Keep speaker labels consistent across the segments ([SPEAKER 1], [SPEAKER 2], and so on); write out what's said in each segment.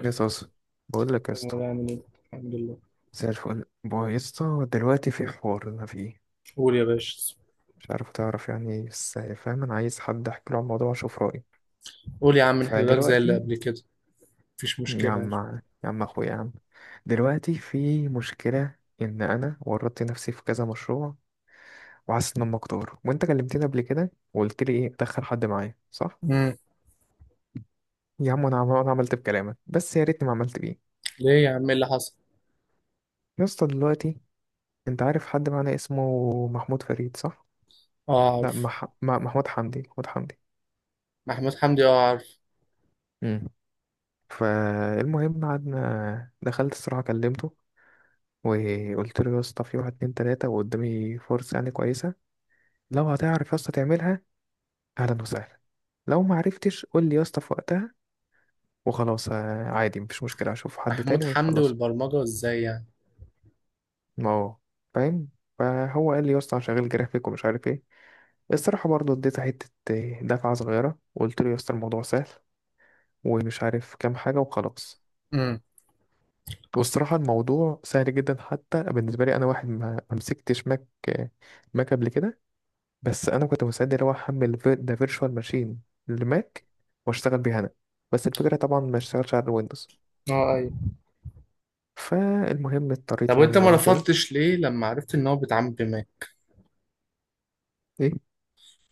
[SPEAKER 1] يا صاصة، بقول لك يا اسطى.
[SPEAKER 2] مولاي عامل ايه؟ الحمد لله.
[SPEAKER 1] زي الفل بقى يا اسطى. دلوقتي في حوار انا فيه
[SPEAKER 2] قول يا باشا.
[SPEAKER 1] مش عارف تعرف يعني إيه، بس فاهم انا عايز حد احكي له عن الموضوع واشوف رايه.
[SPEAKER 2] قول يا عم نحل لك زي اللي
[SPEAKER 1] فدلوقتي
[SPEAKER 2] قبل كده، مفيش
[SPEAKER 1] يا
[SPEAKER 2] مشكلة
[SPEAKER 1] عم،
[SPEAKER 2] يعني.
[SPEAKER 1] يا عم اخويا يا عم، دلوقتي في مشكله ان انا ورطت نفسي في كذا مشروع وحاسس ان انا مكتور، وانت كلمتني قبل كده وقلت لي ايه، ادخل حد معايا صح.
[SPEAKER 2] امم.
[SPEAKER 1] يا عم انا أنا عملت بكلامك بس يا ريتني ما عملت بيه.
[SPEAKER 2] ليه يا عم إيه اللي حصل؟
[SPEAKER 1] يا اسطى دلوقتي انت عارف حد معانا اسمه محمود فريد صح.
[SPEAKER 2] اه
[SPEAKER 1] لا
[SPEAKER 2] عارف.
[SPEAKER 1] محمود حمدي محمود حمدي.
[SPEAKER 2] محمود حمدي اه عارف.
[SPEAKER 1] مم. فالمهم قعدنا، دخلت الصراحة كلمته وقلت له يا اسطى في واحد اتنين تلاتة وقدامي فرصة يعني كويسة. لو هتعرف يا اسطى تعملها أهلا وسهلا، لو ما عرفتش قول لي يا اسطى في وقتها وخلاص عادي مفيش مشكلة، أشوف حد
[SPEAKER 2] محمود
[SPEAKER 1] تاني
[SPEAKER 2] حمدي
[SPEAKER 1] وخلاص.
[SPEAKER 2] والبرمجة ازاي يعني؟
[SPEAKER 1] ما هو فاهم. فهو قال لي يا اسطى أنا شغال جرافيك ومش عارف ايه. الصراحة برضه اديته حتة دفعة صغيرة وقلت له يا اسطى الموضوع سهل ومش عارف كام حاجة وخلاص.
[SPEAKER 2] امم.
[SPEAKER 1] والصراحة الموضوع سهل جدا حتى بالنسبة لي أنا، واحد ما مسكتش ماك قبل كده. بس أنا كنت مستعد اللي هو أحمل ده فيرتشوال ماشين لماك وأشتغل بيها أنا، بس الفكرة طبعا ما اشتغلش على الويندوز.
[SPEAKER 2] اه ايوه.
[SPEAKER 1] فالمهم
[SPEAKER 2] طب
[SPEAKER 1] اضطريت
[SPEAKER 2] وانت
[SPEAKER 1] يعني
[SPEAKER 2] ما
[SPEAKER 1] أقول له كده.
[SPEAKER 2] رفضتش ليه لما عرفت ان هو بيتعامل بماك؟
[SPEAKER 1] إيه؟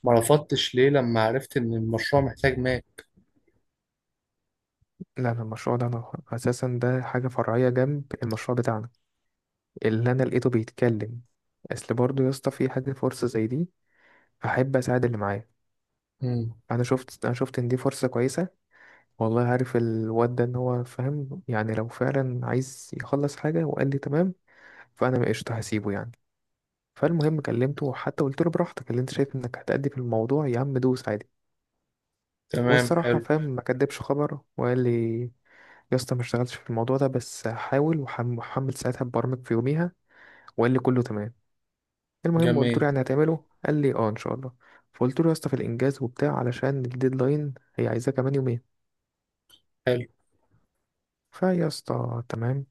[SPEAKER 2] ما رفضتش ليه لما عرفت ان المشروع محتاج ماك؟
[SPEAKER 1] لا أنا المشروع ده أنا أساسا ده حاجة فرعية جنب المشروع بتاعنا اللي أنا لقيته بيتكلم. أصل برضه يا اسطى في حاجة فرصة زي دي أحب أساعد اللي معايا.
[SPEAKER 2] امم.
[SPEAKER 1] أنا شفت إن دي فرصة كويسة، والله عارف الواد ده ان هو فاهم يعني لو فعلا عايز يخلص حاجة وقال لي تمام، فانا ما قشطة هسيبه يعني. فالمهم كلمته، وحتى قلت له براحتك اللي انت شايف انك هتأدي في الموضوع يا عم دوس عادي.
[SPEAKER 2] تمام
[SPEAKER 1] والصراحة
[SPEAKER 2] حلو.
[SPEAKER 1] فاهم ما كدبش خبر وقال لي يا اسطى ما اشتغلتش في الموضوع ده بس حاول وحمل ساعتها، ببرمج في يوميها. وقال لي كله تمام. المهم قلت له
[SPEAKER 2] جميل.
[SPEAKER 1] يعني هتعمله، قال لي اه ان شاء الله. فقلت له يا اسطى في الانجاز وبتاع علشان الديدلاين هي عايزاه كمان يومين.
[SPEAKER 2] حلو.
[SPEAKER 1] فيا اسطى تمام.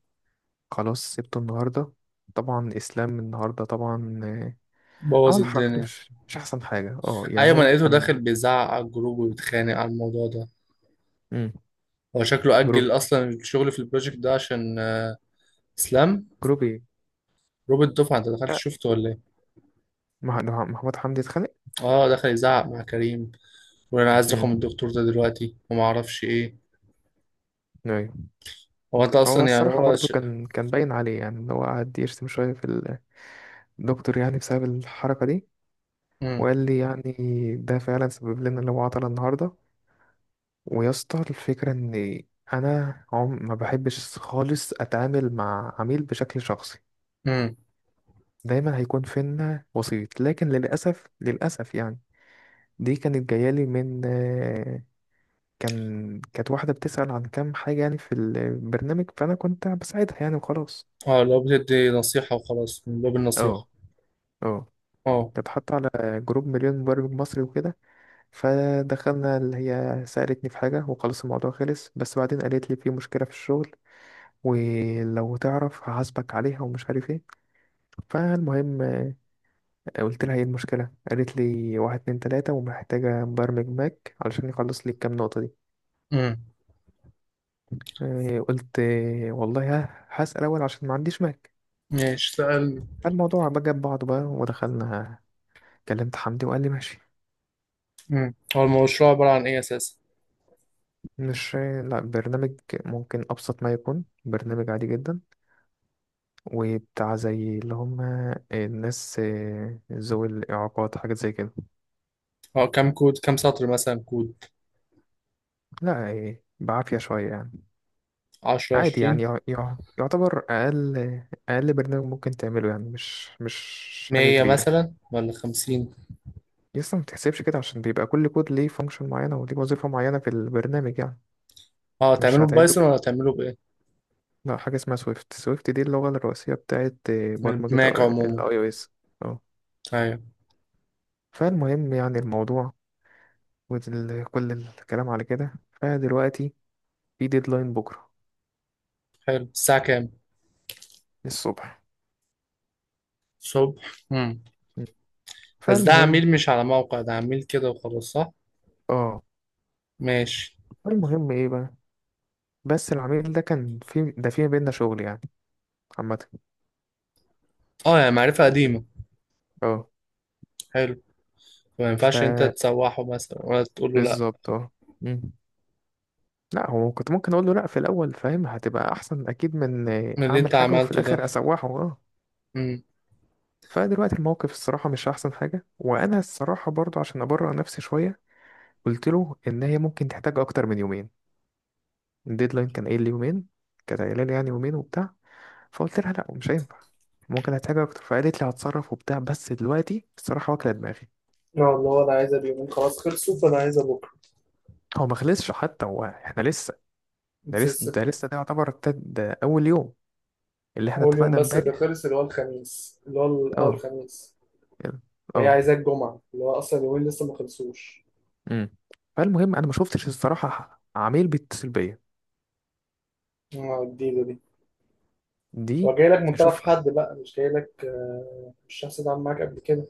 [SPEAKER 1] خلاص سبته النهارده. طبعا اسلام النهارده طبعا
[SPEAKER 2] بوظ
[SPEAKER 1] عمل حركات
[SPEAKER 2] الدنيا.
[SPEAKER 1] مش احسن حاجه، اه يعني
[SPEAKER 2] ايوه، ما
[SPEAKER 1] هو
[SPEAKER 2] لقيته
[SPEAKER 1] كان.
[SPEAKER 2] داخل بيزعق على الجروب وبيتخانق على الموضوع ده.
[SPEAKER 1] مم.
[SPEAKER 2] هو شكله
[SPEAKER 1] جروب.
[SPEAKER 2] أجل أصلا الشغل في البروجكت ده عشان اسلام.
[SPEAKER 1] جروب ايه؟
[SPEAKER 2] روبرت دفعه انت دخلت
[SPEAKER 1] لا
[SPEAKER 2] شفته ولا ايه؟
[SPEAKER 1] ده محمود حمدي اتخانق.
[SPEAKER 2] اه دخل يزعق مع كريم، ولا انا عايز
[SPEAKER 1] مم.
[SPEAKER 2] رقم الدكتور ده دلوقتي وما اعرفش ايه.
[SPEAKER 1] ايوه.
[SPEAKER 2] هو انت
[SPEAKER 1] هو
[SPEAKER 2] اصلا يعني
[SPEAKER 1] الصراحه برضو كان باين عليه، يعني ان هو قعد يشتم شويه في الدكتور يعني بسبب الحركه دي.
[SPEAKER 2] مم.
[SPEAKER 1] وقال لي يعني ده فعلا سبب لنا اللي هو عطل النهارده. ويا اسطى الفكره ان انا عم ما بحبش خالص اتعامل مع عميل بشكل شخصي،
[SPEAKER 2] مم.
[SPEAKER 1] دايما هيكون فينا وسيط، لكن للأسف للأسف يعني دي كانت جايالي من كانت واحدة بتسأل عن كام حاجة يعني في البرنامج فأنا كنت بساعدها يعني وخلاص.
[SPEAKER 2] اه لو بتدي نصيحه وخلاص من باب النصيحه.
[SPEAKER 1] اه. اه.
[SPEAKER 2] اه.
[SPEAKER 1] كانت حاطة على جروب مليون مبرمج مصري وكده. فدخلنا اللي هي سألتني في حاجة وخلاص الموضوع خلص، بس بعدين قالت لي في مشكلة في الشغل ولو تعرف هحاسبك عليها ومش عارف ايه. فالمهم قلت لها ايه المشكلة، قالت لي واحد اتنين تلاتة ومحتاجة مبرمج ماك علشان يخلص لي الكام نقطة دي.
[SPEAKER 2] مم.
[SPEAKER 1] قلت والله ها هسأل أول عشان ما عنديش ماك.
[SPEAKER 2] ماشي سأل.
[SPEAKER 1] الموضوع بقى جاب بعضه بقى ودخلنا. كلمت حمدي وقال لي ماشي.
[SPEAKER 2] مم. هو المشروع عباره عن ايه اساسا؟
[SPEAKER 1] مش، لا برنامج. ممكن أبسط ما يكون برنامج عادي جدا وبتاع زي اللي هم الناس ذوي الإعاقات، حاجات زي كده.
[SPEAKER 2] اه كام كود، كام سطر مثلا كود؟
[SPEAKER 1] لا بعافية شوية يعني.
[SPEAKER 2] 10،
[SPEAKER 1] عادي
[SPEAKER 2] 20.
[SPEAKER 1] يعني يعتبر اقل، اقل برنامج ممكن تعمله، يعني مش حاجه
[SPEAKER 2] 100
[SPEAKER 1] كبيره.
[SPEAKER 2] مثلا ولا 50؟
[SPEAKER 1] لسه ما تحسبش كده عشان بيبقى كل كود ليه فانكشن معينه وليه وظيفه معينه في البرنامج يعني.
[SPEAKER 2] اه
[SPEAKER 1] مش
[SPEAKER 2] تعمله
[SPEAKER 1] هتعده
[SPEAKER 2] ببايثون
[SPEAKER 1] كده.
[SPEAKER 2] ولا تعمله بايه؟
[SPEAKER 1] لا حاجه اسمها سويفت. سويفت دي اللغه الرئيسيه بتاعت
[SPEAKER 2] من
[SPEAKER 1] برمجه
[SPEAKER 2] الماك عموما.
[SPEAKER 1] الاي او اس. اه.
[SPEAKER 2] ايوه.
[SPEAKER 1] فالمهم يعني الموضوع كل الكلام على كده. فدلوقتي في ديدلاين بكره
[SPEAKER 2] حلو، الساعه كام؟
[SPEAKER 1] الصبح.
[SPEAKER 2] الصبح.
[SPEAKER 1] م.
[SPEAKER 2] بس ده
[SPEAKER 1] فالمهم.
[SPEAKER 2] عميل مش على موقع، ده عميل كده وخلاص صح؟
[SPEAKER 1] اه.
[SPEAKER 2] ماشي.
[SPEAKER 1] المهم ايه بقى، بس العميل ده كان في ده في بينا شغل يعني عامة.
[SPEAKER 2] اه يعني معرفة قديمة.
[SPEAKER 1] اه.
[SPEAKER 2] حلو. ما
[SPEAKER 1] ف
[SPEAKER 2] ينفعش انت تسوحه مثلا ولا تقول له لا؟
[SPEAKER 1] بالظبط اه. مم. لا هو كنت ممكن اقول له لا في الاول، فاهم هتبقى احسن اكيد من
[SPEAKER 2] من اللي
[SPEAKER 1] اعمل
[SPEAKER 2] انت
[SPEAKER 1] حاجه وفي
[SPEAKER 2] عملته ده.
[SPEAKER 1] الاخر اسوحه، اه.
[SPEAKER 2] امم.
[SPEAKER 1] فدلوقتي الموقف الصراحه مش احسن حاجه، وانا الصراحه برضو عشان ابرر نفسي شويه قلت له ان هي ممكن تحتاج اكتر من يومين. الديدلاين كان قايل لي يومين، كانت قايله لي يعني يومين وبتاع. فقلت لها لا مش هينفع، ممكن هحتاج اكتر، فقالت لي هتصرف وبتاع، بس دلوقتي الصراحه واكله دماغي.
[SPEAKER 2] اه اللي هو انا عايزها اليومين خلاص خلصوا فانا عايزها بكره.
[SPEAKER 1] هو ما خلصش حتى، هو احنا لسه. ده لسه
[SPEAKER 2] نسيس
[SPEAKER 1] ده
[SPEAKER 2] كده.
[SPEAKER 1] لسه ده يعتبر ده اول يوم اللي احنا
[SPEAKER 2] اول يوم
[SPEAKER 1] اتفقنا
[SPEAKER 2] بس اللي
[SPEAKER 1] امبارح.
[SPEAKER 2] خلص اللي هو الخميس اللي هو
[SPEAKER 1] اه.
[SPEAKER 2] الخميس.
[SPEAKER 1] يلا.
[SPEAKER 2] وهي
[SPEAKER 1] اه.
[SPEAKER 2] عايزاه الجمعه اللي هو اصلا اليومين لسه ما خلصوش.
[SPEAKER 1] امم. فالمهم انا ما شفتش الصراحه عميل بيتصل بيا.
[SPEAKER 2] اه الجديده دي.
[SPEAKER 1] دي.
[SPEAKER 2] هو جاي لك من
[SPEAKER 1] اشوف.
[SPEAKER 2] طرف حد بقى، مش جاي لك مش شخص اتعامل معاك قبل كده؟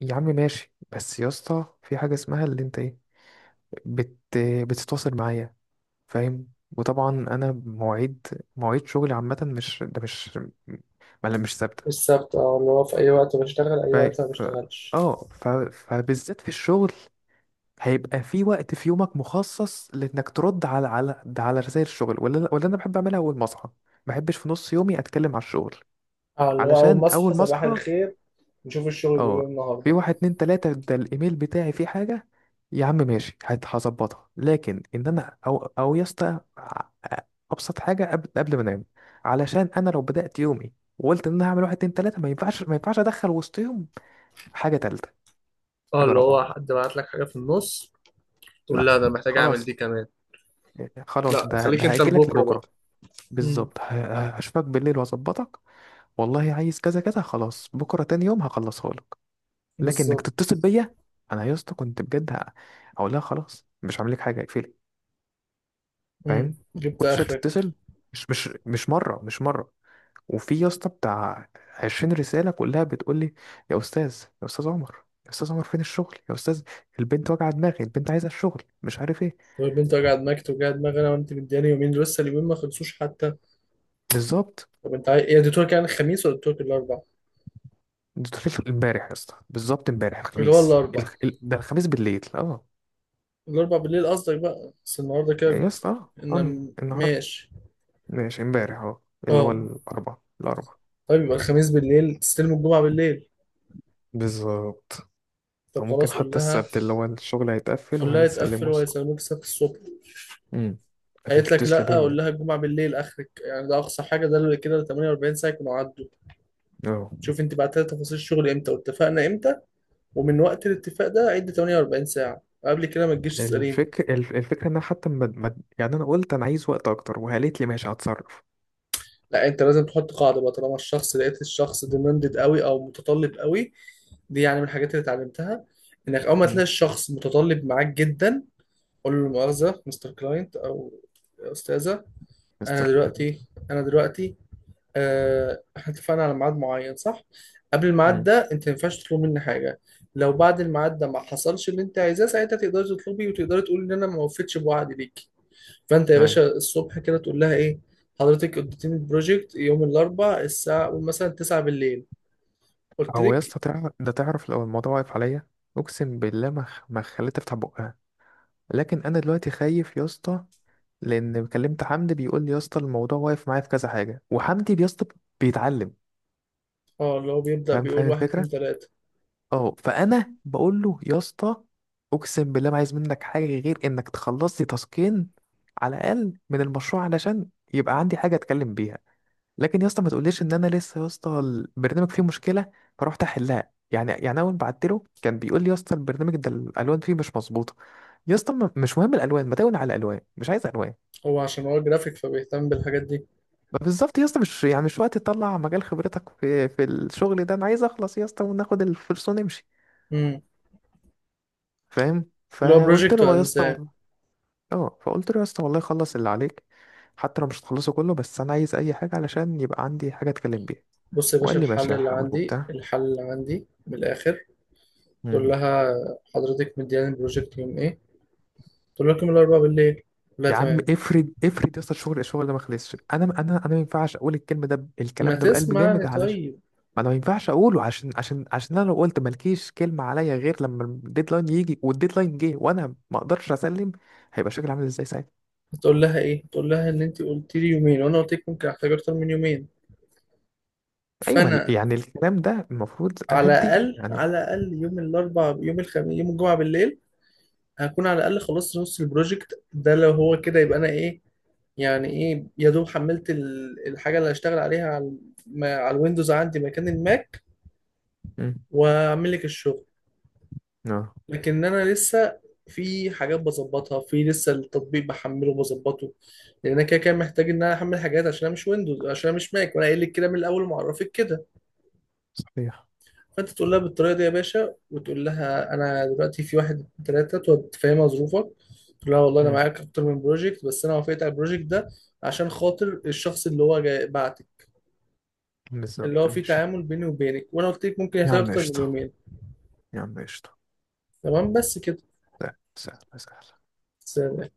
[SPEAKER 1] يا عم ماشي بس يا اسطى في حاجه اسمها اللي انت ايه، بت بتتواصل معايا، فاهم. وطبعا انا مواعيد، مواعيد شغلي عامه مش ده مش، ما مش ثابته.
[SPEAKER 2] السبت اه اللي هو في اي وقت بشتغل، اي
[SPEAKER 1] ف
[SPEAKER 2] وقت ما
[SPEAKER 1] ف-
[SPEAKER 2] بشتغلش.
[SPEAKER 1] اه فبالذات في الشغل هيبقى في وقت في يومك مخصص لانك ترد على على ده على رسائل الشغل، ولا انا بحب اعملها اول ما اصحى. ما بحبش في نص يومي اتكلم على الشغل،
[SPEAKER 2] اه اللي هو أول
[SPEAKER 1] علشان
[SPEAKER 2] ما أصحى
[SPEAKER 1] اول ما
[SPEAKER 2] صباح
[SPEAKER 1] اصحى
[SPEAKER 2] الخير نشوف الشغل بيقول إيه
[SPEAKER 1] اه في
[SPEAKER 2] النهاردة.
[SPEAKER 1] واحد اتنين تلاتة ده الايميل بتاعي فيه حاجة يا عم ماشي هظبطها. لكن ان انا او يا اسطى ابسط حاجة قبل ما انام، علشان انا لو بدأت يومي وقلت ان انا هعمل واحد اتنين تلاتة ما ينفعش، ادخل وسطهم حاجة تالتة،
[SPEAKER 2] اه
[SPEAKER 1] حاجة
[SPEAKER 2] اللي هو
[SPEAKER 1] رابعة.
[SPEAKER 2] حد بعت لك حاجة في النص تقول لا
[SPEAKER 1] لا
[SPEAKER 2] انا محتاج اعمل دي
[SPEAKER 1] خلاص،
[SPEAKER 2] كمان.
[SPEAKER 1] خلاص
[SPEAKER 2] لا
[SPEAKER 1] ده
[SPEAKER 2] خليك انت
[SPEAKER 1] هاجلك
[SPEAKER 2] لبكرة بقى.
[SPEAKER 1] لبكرة.
[SPEAKER 2] امم.
[SPEAKER 1] بالظبط. هشوفك بالليل واظبطك. والله عايز كذا كذا خلاص بكره تاني يوم هخلصها لك، لكن انك
[SPEAKER 2] بالظبط.
[SPEAKER 1] تتصل بيا. انا يا اسطى كنت بجد هقول لها خلاص مش هعمل لك حاجه اقفلي، فاهم.
[SPEAKER 2] جبت
[SPEAKER 1] كل شويه
[SPEAKER 2] آخرك.
[SPEAKER 1] تتصل مش مره مش مره. وفي يا اسطى بتاع 20 رساله كلها بتقول لي يا استاذ، يا استاذ عمر، يا استاذ عمر فين الشغل يا استاذ. البنت واجعه دماغي، البنت عايزه الشغل مش عارف ايه.
[SPEAKER 2] طب أنت قاعد معاك وجع دماغ أنا وأنت مدياني يومين لسه اليومين ما خلصوش حتى.
[SPEAKER 1] بالظبط.
[SPEAKER 2] طب أنت عايز إيه، اديتوك يعني الخميس ولا اديتوك الأربع؟
[SPEAKER 1] ده امبارح يا اسطى بالظبط امبارح
[SPEAKER 2] اللي هو
[SPEAKER 1] الخميس
[SPEAKER 2] الأربع.
[SPEAKER 1] ده الخميس بالليل اه.
[SPEAKER 2] الأربع بالليل قصدك بقى، بس النهاردة كده.
[SPEAKER 1] يا اسطى اه
[SPEAKER 2] إن
[SPEAKER 1] النهارده.
[SPEAKER 2] ماشي.
[SPEAKER 1] ماشي امبارح اهو اللي هو
[SPEAKER 2] أه.
[SPEAKER 1] الاربع. الاربع
[SPEAKER 2] طيب يبقى الخميس بالليل تستلم الجمعة بالليل.
[SPEAKER 1] بالظبط. او
[SPEAKER 2] طب
[SPEAKER 1] ممكن
[SPEAKER 2] خلاص قول
[SPEAKER 1] حتى
[SPEAKER 2] لها.
[SPEAKER 1] السبت اللي هو الشغل هيتقفل
[SPEAKER 2] قول لها يتقفل
[SPEAKER 1] وهنسلمه اسطى.
[SPEAKER 2] وهيسلموك السبت الصبح.
[SPEAKER 1] امم. لكن
[SPEAKER 2] قالت لك
[SPEAKER 1] تتصل
[SPEAKER 2] لا، قول
[SPEAKER 1] بيا.
[SPEAKER 2] لها الجمعه بالليل اخرك، يعني ده اقصى حاجه، ده اللي كده 48 ساعه يكونوا عدوا.
[SPEAKER 1] اه.
[SPEAKER 2] شوف انت بعت لها تفاصيل الشغل امتى واتفقنا امتى، ومن وقت الاتفاق ده عد 48 ساعه، قبل كده ما تجيش تساليني.
[SPEAKER 1] الفكره ان انا حتى يعني انا قلت انا عايز وقت اكتر وقالت لي ماشي هتصرف.
[SPEAKER 2] لا انت لازم تحط قاعده بقى، طالما الشخص لقيت الشخص ديماندد قوي او متطلب قوي. دي يعني من الحاجات اللي اتعلمتها، انك اول ما تلاقي
[SPEAKER 1] امم.
[SPEAKER 2] الشخص متطلب معاك جدا، قول له مؤاخذه مستر كلاينت او يا استاذه، انا
[SPEAKER 1] مستر فايد.
[SPEAKER 2] دلوقتي انا دلوقتي احنا اتفقنا على ميعاد معين صح؟ قبل الميعاد
[SPEAKER 1] امم.
[SPEAKER 2] ده انت ما ينفعش تطلب مني حاجة. لو بعد الميعاد ده ما حصلش اللي انت عايزاه ساعتها تقدري تطلبي وتقدري تقولي ان انا ما وفيتش بوعدي ليكي. فانت يا باشا
[SPEAKER 1] ايوه.
[SPEAKER 2] الصبح كده تقول لها ايه؟ حضرتك اديتيني البروجكت يوم الاربعاء الساعة قول مثلا 9 بالليل، قلت
[SPEAKER 1] هو يا
[SPEAKER 2] لك.
[SPEAKER 1] اسطى تعرف ده، تعرف لو الموضوع واقف عليا اقسم بالله ما خليت افتح بقها. لكن انا دلوقتي خايف يا اسطى، لان كلمت حمدي بيقول لي يا اسطى الموضوع واقف معايا في كذا حاجه، وحمدي يا اسطى بيتعلم،
[SPEAKER 2] اه اللي هو بيبدأ
[SPEAKER 1] فاهم،
[SPEAKER 2] بيقول
[SPEAKER 1] فاهم
[SPEAKER 2] واحد اتنين
[SPEAKER 1] الفكره.
[SPEAKER 2] تلاتة.
[SPEAKER 1] اه. فانا بقول له يا اسطى اقسم بالله ما عايز منك حاجه غير انك تخلص لي تاسكين على الاقل من المشروع، علشان يبقى عندي حاجه اتكلم بيها. لكن يا اسطى ما تقوليش ان انا لسه يا اسطى البرنامج فيه مشكله فرحت احلها يعني. اول ما بعت له كان بيقول لي يا اسطى البرنامج ده الالوان فيه مش مظبوطه. يا اسطى مش مهم الالوان، ما تقول على الالوان، مش عايز الوان.
[SPEAKER 2] هو عشان هو جرافيك فبيهتم بالحاجات دي.
[SPEAKER 1] ما بالظبط يا اسطى مش وقت تطلع مجال خبرتك في الشغل ده، انا عايز اخلص يا اسطى وناخد الفلوس ونمشي.
[SPEAKER 2] امم.
[SPEAKER 1] فاهم.
[SPEAKER 2] اللي هو
[SPEAKER 1] فقلت
[SPEAKER 2] بروجكت
[SPEAKER 1] له يا اسطى
[SPEAKER 2] وانساه.
[SPEAKER 1] والله. اه. فقلت له يا اسطى والله خلص اللي عليك، حتى لو مش هتخلصه كله، بس انا عايز اي حاجه علشان يبقى عندي حاجه اتكلم بيها.
[SPEAKER 2] بص يا باشا،
[SPEAKER 1] وقال لي
[SPEAKER 2] الحل
[SPEAKER 1] ماشي
[SPEAKER 2] اللي
[SPEAKER 1] هحاول
[SPEAKER 2] عندي،
[SPEAKER 1] وبتاع.
[SPEAKER 2] الحل اللي عندي من الاخر. تقول
[SPEAKER 1] مم.
[SPEAKER 2] لها حضرتك مدياني البروجكت يوم ايه؟ تقول لها يوم الاربعاء بالليل. تقول لها
[SPEAKER 1] يا عم
[SPEAKER 2] تمام.
[SPEAKER 1] افرض افرض يا اسطى الشغل ده ما خلصش، انا انا ما ينفعش اقول الكلمه ده
[SPEAKER 2] ما
[SPEAKER 1] الكلام ده بقلب جامد،
[SPEAKER 2] تسمعني
[SPEAKER 1] علشان
[SPEAKER 2] طيب.
[SPEAKER 1] ما انا ما ينفعش اقوله عشان عشان انا لو قلت مالكيش كلمه عليا غير لما الديدلاين يجي، والديدلاين جه وانا ما اقدرش اسلم هيبقى شكلي عامل ازاي ساعتها.
[SPEAKER 2] تقول لها ايه، تقول لها ان انت قلت لي يومين وانا قلت لك ممكن احتاج اكتر من يومين.
[SPEAKER 1] ايوه ما
[SPEAKER 2] فانا
[SPEAKER 1] يعني الكلام ده المفروض
[SPEAKER 2] على
[SPEAKER 1] اهديه
[SPEAKER 2] الاقل
[SPEAKER 1] يعني.
[SPEAKER 2] على الاقل يوم الاربعاء يوم الخميس يوم الجمعه بالليل هكون على الاقل خلصت نص البروجكت ده. لو هو كده يبقى انا ايه، يعني ايه، يا دوب حملت الحاجه اللي هشتغل عليها على على الويندوز عندي مكان الماك،
[SPEAKER 1] امم.
[SPEAKER 2] واعمل لك الشغل.
[SPEAKER 1] اه.
[SPEAKER 2] لكن انا لسه في حاجات بظبطها، في لسه التطبيق بحمله وبظبطه، لان انا كده كده محتاج ان انا احمل حاجات عشان انا مش ويندوز، عشان انا مش ماك، وانا قايل لك كده من الاول ومعرفك كده.
[SPEAKER 1] صحيح.
[SPEAKER 2] فانت تقول لها بالطريقه دي يا باشا، وتقول لها انا دلوقتي في واحد اتنين تلاته، تقعد تفهمها ظروفك. تقول لها والله انا
[SPEAKER 1] امم.
[SPEAKER 2] معاك اكتر من بروجكت بس انا وافقت على البروجكت ده عشان خاطر الشخص اللي هو جاي بعتك، اللي
[SPEAKER 1] بالظبط
[SPEAKER 2] هو في
[SPEAKER 1] ماشي.
[SPEAKER 2] تعامل بيني وبينك، وانا قلت لك ممكن
[SPEAKER 1] يا
[SPEAKER 2] يحتاج
[SPEAKER 1] عم
[SPEAKER 2] اكتر من
[SPEAKER 1] قشطه،
[SPEAKER 2] يومين.
[SPEAKER 1] يا عم قشطه.
[SPEAKER 2] تمام بس كده.
[SPEAKER 1] سهل، سهل، سهل.
[SPEAKER 2] سلام.